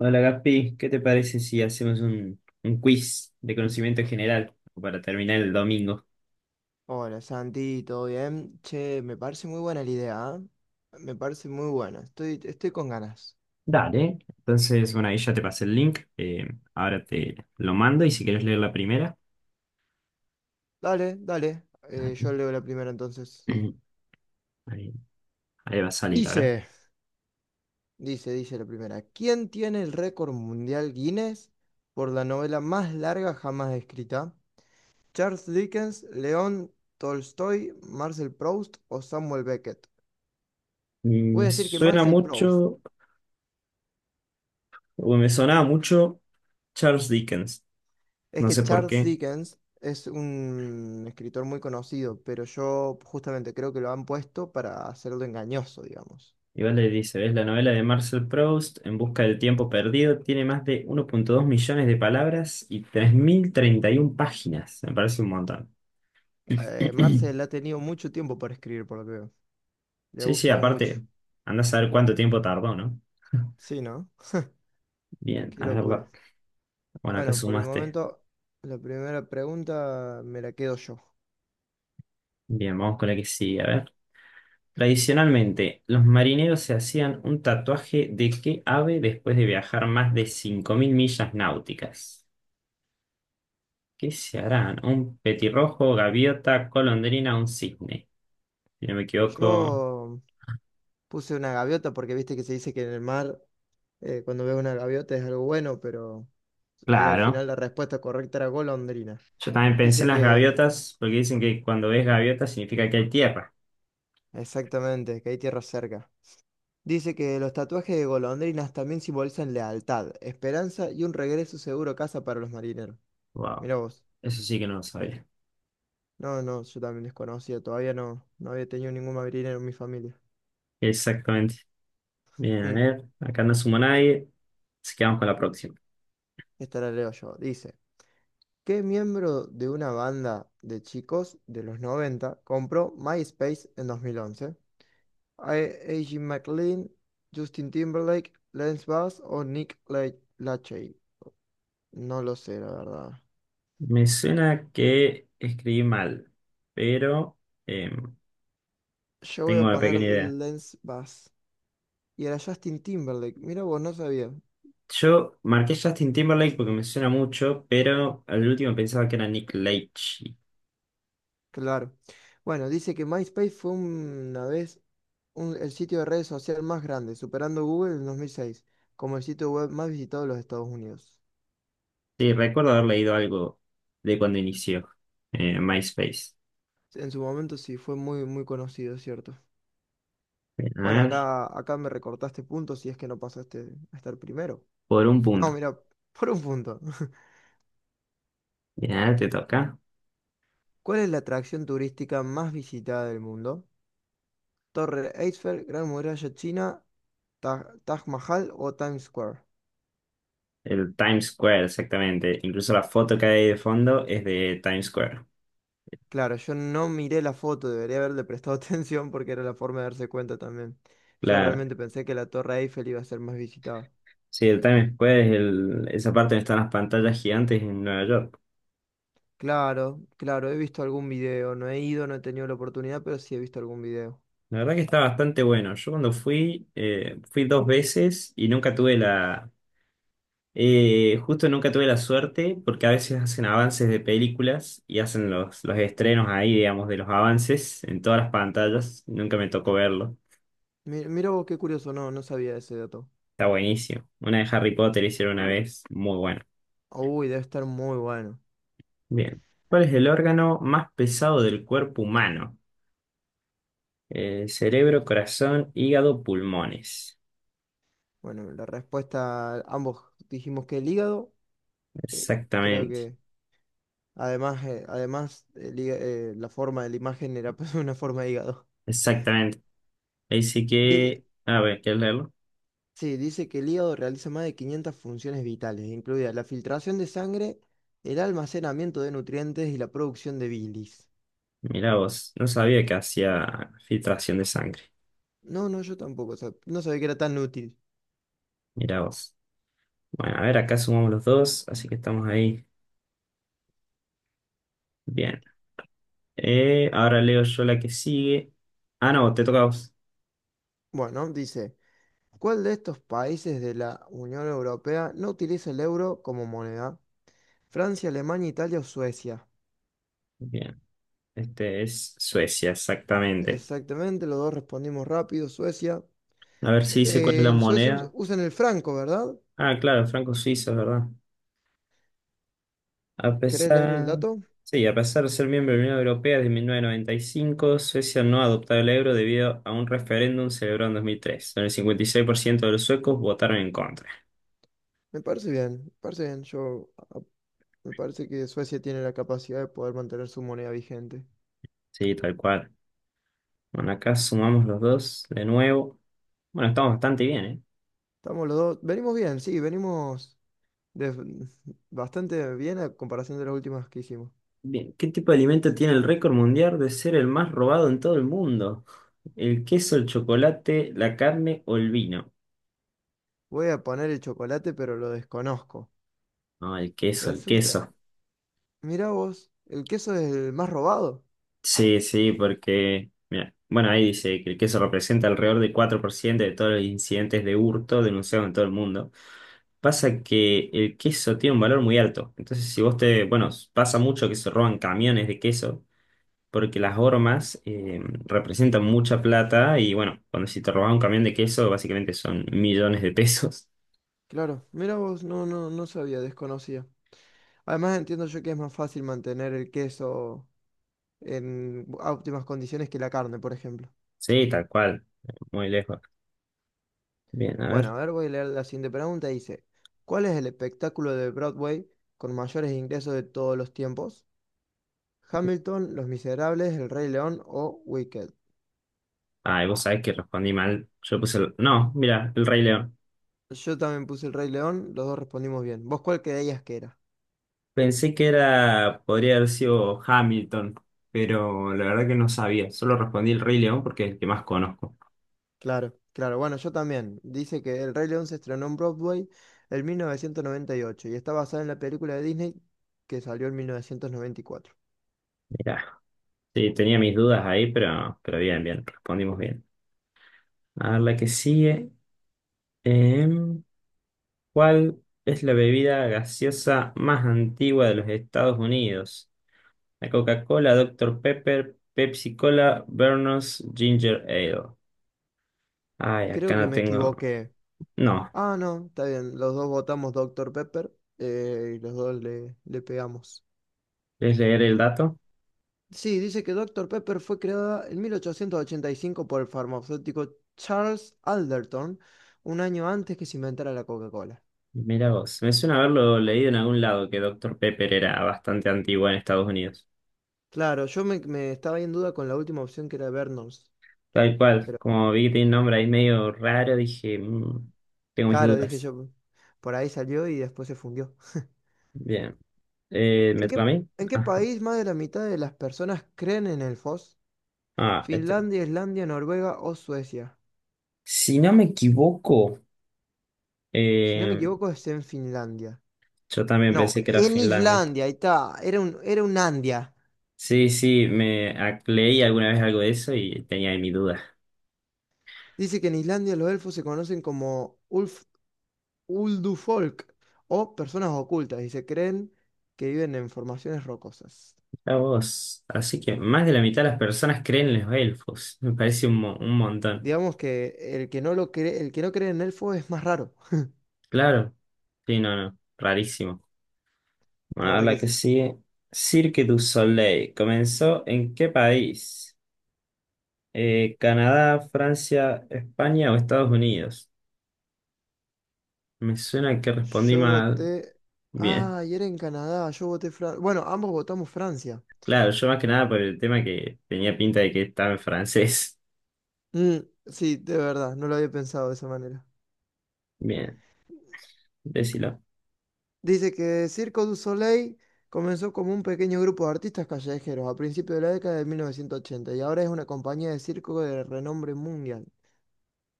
Hola Gaspi, ¿qué te parece si hacemos un quiz de conocimiento general para terminar el domingo? Hola Santi, ¿todo bien? Che, me parece muy buena la idea, ¿eh? Me parece muy buena, estoy con ganas. Dale. Entonces, bueno, ahí ya te pasé el link, ahora te lo mando y si quieres leer la primera. Dale, dale, Dale. yo leo la primera entonces. ahí, ahí va a salir, a ver. Dice, dice la primera, ¿quién tiene el récord mundial Guinness por la novela más larga jamás escrita? ¿Charles Dickens, León Tolstoy, Marcel Proust o Samuel Beckett? Voy a Me decir que suena Marcel Proust. mucho, o me sonaba mucho Charles Dickens, Es no que sé por Charles qué. Dickens es un escritor muy conocido, pero yo justamente creo que lo han puesto para hacerlo engañoso, digamos. Igual le dice, ¿ves? La novela de Marcel Proust, En busca del tiempo perdido, tiene más de 1,2 millones de palabras y 3.031 páginas. Me parece un montón. Marcel ha tenido mucho tiempo para escribir, por lo que veo. Le ha Sí, sí, gustado mucho. aparte, andás a ver cuánto tiempo tardó, ¿no? Sí, ¿no? Bien, Qué a verla. locura. Bueno, acá Bueno, por el sumaste. momento, la primera pregunta me la quedo yo. Bien, vamos con la que sigue. A ver. Tradicionalmente, los marineros se hacían un tatuaje de qué ave después de viajar más de 5.000 millas náuticas. ¿Qué se harán? ¿Un petirrojo, gaviota, golondrina, un cisne? Si no me equivoco. Yo puse una gaviota porque viste que se dice que en el mar, cuando ves una gaviota es algo bueno, pero al Claro. final la respuesta correcta era golondrina. Yo también pensé en Dice las que gaviotas, porque dicen que cuando ves gaviotas significa que hay tierra. Exactamente, que hay tierra cerca. Dice que los tatuajes de golondrinas también simbolizan lealtad, esperanza y un regreso seguro a casa para los marineros. Wow. Mira vos. Eso sí que no lo sabía. No, no, yo también desconocía, todavía no, no había tenido ningún marinero en mi familia. Exactamente. Bien, a Mm, ver, acá no sumo a nadie, así que vamos con la próxima. esta la leo yo. Dice, ¿qué miembro de una banda de chicos de los 90 compró MySpace en 2011? AJ McLean, Justin Timberlake, Lance Bass o Lachey. No lo sé, la verdad. Me suena que escribí mal, pero em, Yo voy a tengo una poner pequeña idea. Lens Bass. Y era Justin Timberlake. Mira vos, no sabía. Yo marqué Justin Timberlake porque me suena mucho, pero al último pensaba que era Nick Leitch. Claro. Bueno, dice que MySpace fue una vez el sitio de redes social más grande, superando Google en 2006, como el sitio web más visitado de los Estados Unidos. Sí, recuerdo haber leído algo de cuando inició MySpace. En su momento sí, fue muy, muy conocido, es ¿cierto? Bien, Bueno, a ver, acá me recortaste puntos si es que no pasaste a estar primero. por un No, punto. mira, por un punto. Ya te toca. ¿Cuál es la atracción turística más visitada del mundo? Torre Eiffel, Gran Muralla China, Taj Mahal o Times Square. El Times Square, exactamente. Incluso la foto que hay de fondo es de Times Square. Claro, yo no miré la foto, debería haberle prestado atención porque era la forma de darse cuenta también. Yo Claro. realmente pensé que la Torre Eiffel iba a ser más visitada. Sí, el Times Square es esa parte donde están las pantallas gigantes en Nueva York. Claro, claro, he visto algún video, no he ido, no he tenido la oportunidad, pero sí he visto algún video. La verdad que está bastante bueno. Yo cuando fui dos veces y nunca tuve la... justo nunca tuve la suerte porque a veces hacen avances de películas y hacen los estrenos ahí, digamos, de los avances en todas las pantallas. Nunca me tocó verlo. Mira vos qué curioso, no, no sabía ese dato. Está buenísimo. Una de Harry Potter hicieron una vez. Muy buena. Uy, debe estar muy bueno. Bien. ¿Cuál es el órgano más pesado del cuerpo humano? Cerebro, corazón, hígado, pulmones. Bueno, la respuesta, ambos dijimos que el hígado, creo Exactamente. que además la forma de la imagen era pues una forma de hígado. Exactamente. Así Di- que, a ver, ¿quieres leerlo? Sí, dice que el hígado realiza más de 500 funciones vitales, incluida la filtración de sangre, el almacenamiento de nutrientes y la producción de bilis. Mirá vos. No sabía que hacía filtración de sangre. No, no, yo tampoco, no sabía que era tan útil. Mirá vos. Bueno, a ver, acá sumamos los dos, así que estamos ahí. Bien. Ahora leo yo la que sigue. Ah, no, te toca a vos. Bueno, dice, ¿cuál de estos países de la Unión Europea no utiliza el euro como moneda? Francia, Alemania, Italia o Suecia. Bien. Este es Suecia, exactamente. Exactamente, los dos respondimos rápido, Suecia. A ver si dice cuál es la En Suecia moneda. usan el franco, ¿verdad? Ah, claro, franco suizo, ¿es verdad? A ¿Querés leer el pesar, dato? sí, a pesar de ser miembro de la Unión Europea desde mil novecientos noventa y cinco, Suecia no ha adoptado el euro debido a un referéndum celebrado en dos mil tres, donde el 56% de los suecos votaron en contra. Me parece bien, yo me parece que Suecia tiene la capacidad de poder mantener su moneda vigente. Sí, tal cual. Bueno, acá sumamos los dos de nuevo. Bueno, estamos bastante bien, ¿eh? Estamos los dos. Venimos bien, sí, de- bastante bien a comparación de las últimas que hicimos. Bien, ¿qué tipo de alimento tiene el récord mundial de ser el más robado en todo el mundo? ¿El queso, el chocolate, la carne o el vino? Voy a poner el chocolate, pero lo desconozco. No, el queso, el Resulta, queso. mirá vos, el queso es el más robado. Sí, sí, porque, mira, bueno, ahí dice que el queso representa alrededor del 4% de todos los incidentes de hurto denunciados en todo el mundo. Pasa que el queso tiene un valor muy alto. Entonces, si vos te, bueno, pasa mucho que se roban camiones de queso, porque las hormas representan mucha plata y, bueno, cuando si te robas un camión de queso, básicamente son millones de pesos. Claro, mirá vos, no, no, no sabía, desconocía. Además entiendo yo que es más fácil mantener el queso en óptimas condiciones que la carne, por ejemplo. Sí, tal cual, muy lejos. Bien, a Bueno, ver. a ver, voy a leer la siguiente pregunta. Dice, ¿cuál es el espectáculo de Broadway con mayores ingresos de todos los tiempos? Hamilton, Los Miserables, El Rey León o Wicked. Ah, ¿y vos sabés que respondí mal? Yo puse, no, mira, el Rey León. Yo también puse El Rey León, los dos respondimos bien. ¿Vos cuál creías que era? Pensé que era, podría haber sido Hamilton, pero la verdad que no sabía. Solo respondí el Rey León porque es el que más conozco. Claro, claro. Bueno, yo también. Dice que El Rey León se estrenó en Broadway en mil novecientos noventa y ocho y está basada en la película de Disney que salió en mil novecientos noventa y cuatro. Mirá. Sí, tenía mis dudas ahí, pero bien, bien, respondimos bien. A ver, la que sigue. Em, ¿Cuál es la bebida gaseosa más antigua de los Estados Unidos? La Coca-Cola, Doctor Pepper, Pepsi Cola, Vernos, Ginger Ale. Ay, acá Creo que no me tengo. equivoqué. No, Ah, no, está bien. Los dos votamos Doctor Pepper y los dos le pegamos. ¿quieres leer el dato? Sí, dice que Doctor Pepper fue creada en 1885 por el farmacéutico Charles Alderton, un año antes que se inventara la Coca-Cola. Mira vos, me suena haberlo leído en algún lado que Doctor Pepper era bastante antigua en Estados Unidos. Claro, me estaba ahí en duda con la última opción que era Vernos, Tal cual, pero como vi que tiene un nombre ahí medio raro, dije, "Mm, tengo mis claro, dije dudas". yo, por ahí salió y después se fundió. Bien. ¿Me ¿En toca a qué, mí? en qué Ah, país más de la mitad de las personas creen en el FOS? ah, este. ¿Finlandia, Islandia, Noruega o Suecia? Si no me equivoco, Si no me eh, equivoco, es en Finlandia. yo también No, pensé que era en Finlandia. Islandia, ahí está, era un Andia. Sí, sí, leí alguna vez algo de eso y tenía ahí mi duda. Dice que en Islandia los elfos se conocen como Ulf, Uldufolk o personas ocultas y se creen que viven en formaciones rocosas. Mira vos, así que más de la mitad de las personas creen en los elfos, me parece un montón. Digamos que el que no cree en elfos es más raro. Claro, sí, no, no, rarísimo. Bueno, La ahora verdad la que que sí. sigue. Cirque du Soleil, ¿comenzó en qué país? ¿Canadá, Francia, España o Estados Unidos? Me suena que respondí Yo mal. voté. Bien, Ah, y era en Canadá, yo voté Francia. Bueno, ambos votamos Francia. claro, yo más que nada por el tema que tenía pinta de que estaba en francés. Mm, sí, de verdad, no lo había pensado de esa manera. Bien, decilo. Dice que Circo du Soleil comenzó como un pequeño grupo de artistas callejeros a principios de la década de 1980 y ahora es una compañía de circo de renombre mundial.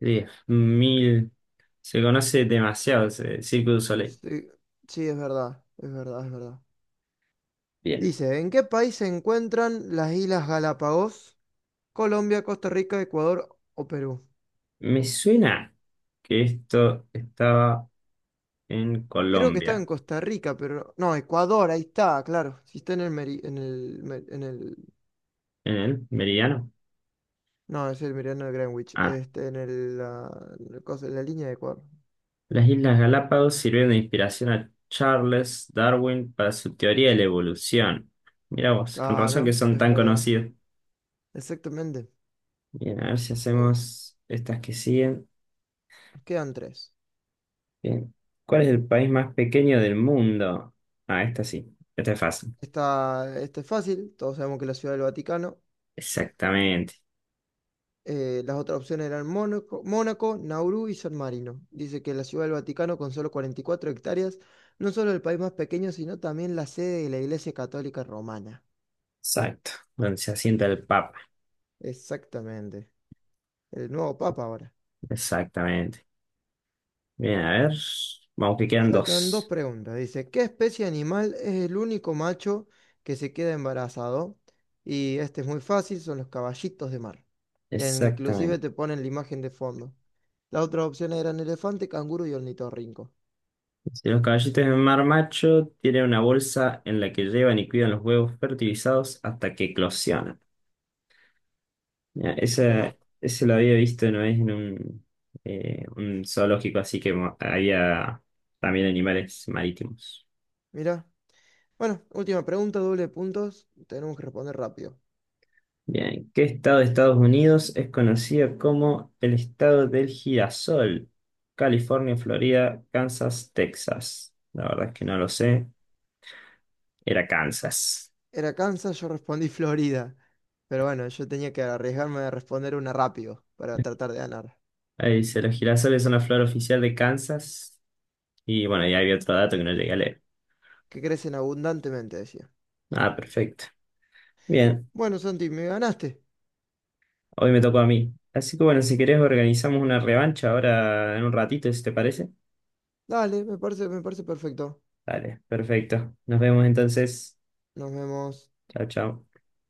Diez mil. Se conoce demasiado ese Cirque du Soleil. Sí, sí, es verdad, es verdad, es verdad. Bien, Dice, ¿en qué país se encuentran las Islas Galápagos? Colombia, Costa Rica, Ecuador o Perú. me suena que esto estaba en Creo que estaba en Colombia. Costa Rica, pero... No, Ecuador, ahí está, claro. Si está en el... meri- En el, me- en el... ¿En el meridiano? No, es el meridiano de Greenwich. Ah. Este, en el, la cosa- la línea de Ecuador. Las Islas Galápagos sirvieron de inspiración a Charles Darwin para su teoría de la evolución. Mira vos, con razón que Claro, son es tan verdad. conocidos. Exactamente. Bien, a ver si Oh, hacemos estas que siguen. quedan tres. Bien. ¿Cuál es el país más pequeño del mundo? Ah, esta sí. Esta es fácil. Esta es fácil, todos sabemos que es la Ciudad del Vaticano. Exactamente. Las otras opciones eran Mónaco, Mónaco, Nauru y San Marino. Dice que la Ciudad del Vaticano, con solo 44 hectáreas, no solo el país más pequeño, sino también la sede de la Iglesia Católica Romana. Exacto. Donde se asienta el Papa. Exactamente. El nuevo Papa ahora. Exactamente. Bien, a ver. Vamos que quedan Faltan dos dos. preguntas. Dice, ¿qué especie animal es el único macho que se queda embarazado? Y este es muy fácil, son los caballitos de mar. E Inclusive Exactamente. te ponen la imagen de fondo. Las otras opciones eran elefante, canguro y ornitorrinco. Si los caballitos de mar macho tienen una bolsa en la que llevan y cuidan los huevos fertilizados hasta que eclosionan. Mira, ese, Bueno, ese lo había visto una vez en un zoológico, así que había también animales marítimos. mira. Bueno, última pregunta, doble de puntos. Tenemos que responder rápido. Bien, ¿qué estado de Estados Unidos es conocido como el estado del girasol? California, Florida, Kansas, Texas. La verdad es que no lo sé. Era Kansas. Era Kansas, yo respondí Florida. Pero bueno, yo tenía que arriesgarme a responder una rápido para tratar de ganar. Ahí dice, los girasoles son la flor oficial de Kansas. Y bueno, ya había otro dato que no llegué a leer. Que crecen abundantemente, decía. Ah, perfecto. Bien, Bueno, Santi, me ganaste. hoy me tocó a mí. Así que bueno, si querés organizamos una revancha ahora en un ratito, si te parece. Dale, me parece perfecto. Dale, perfecto. Nos vemos entonces. Nos vemos. Chao, chao.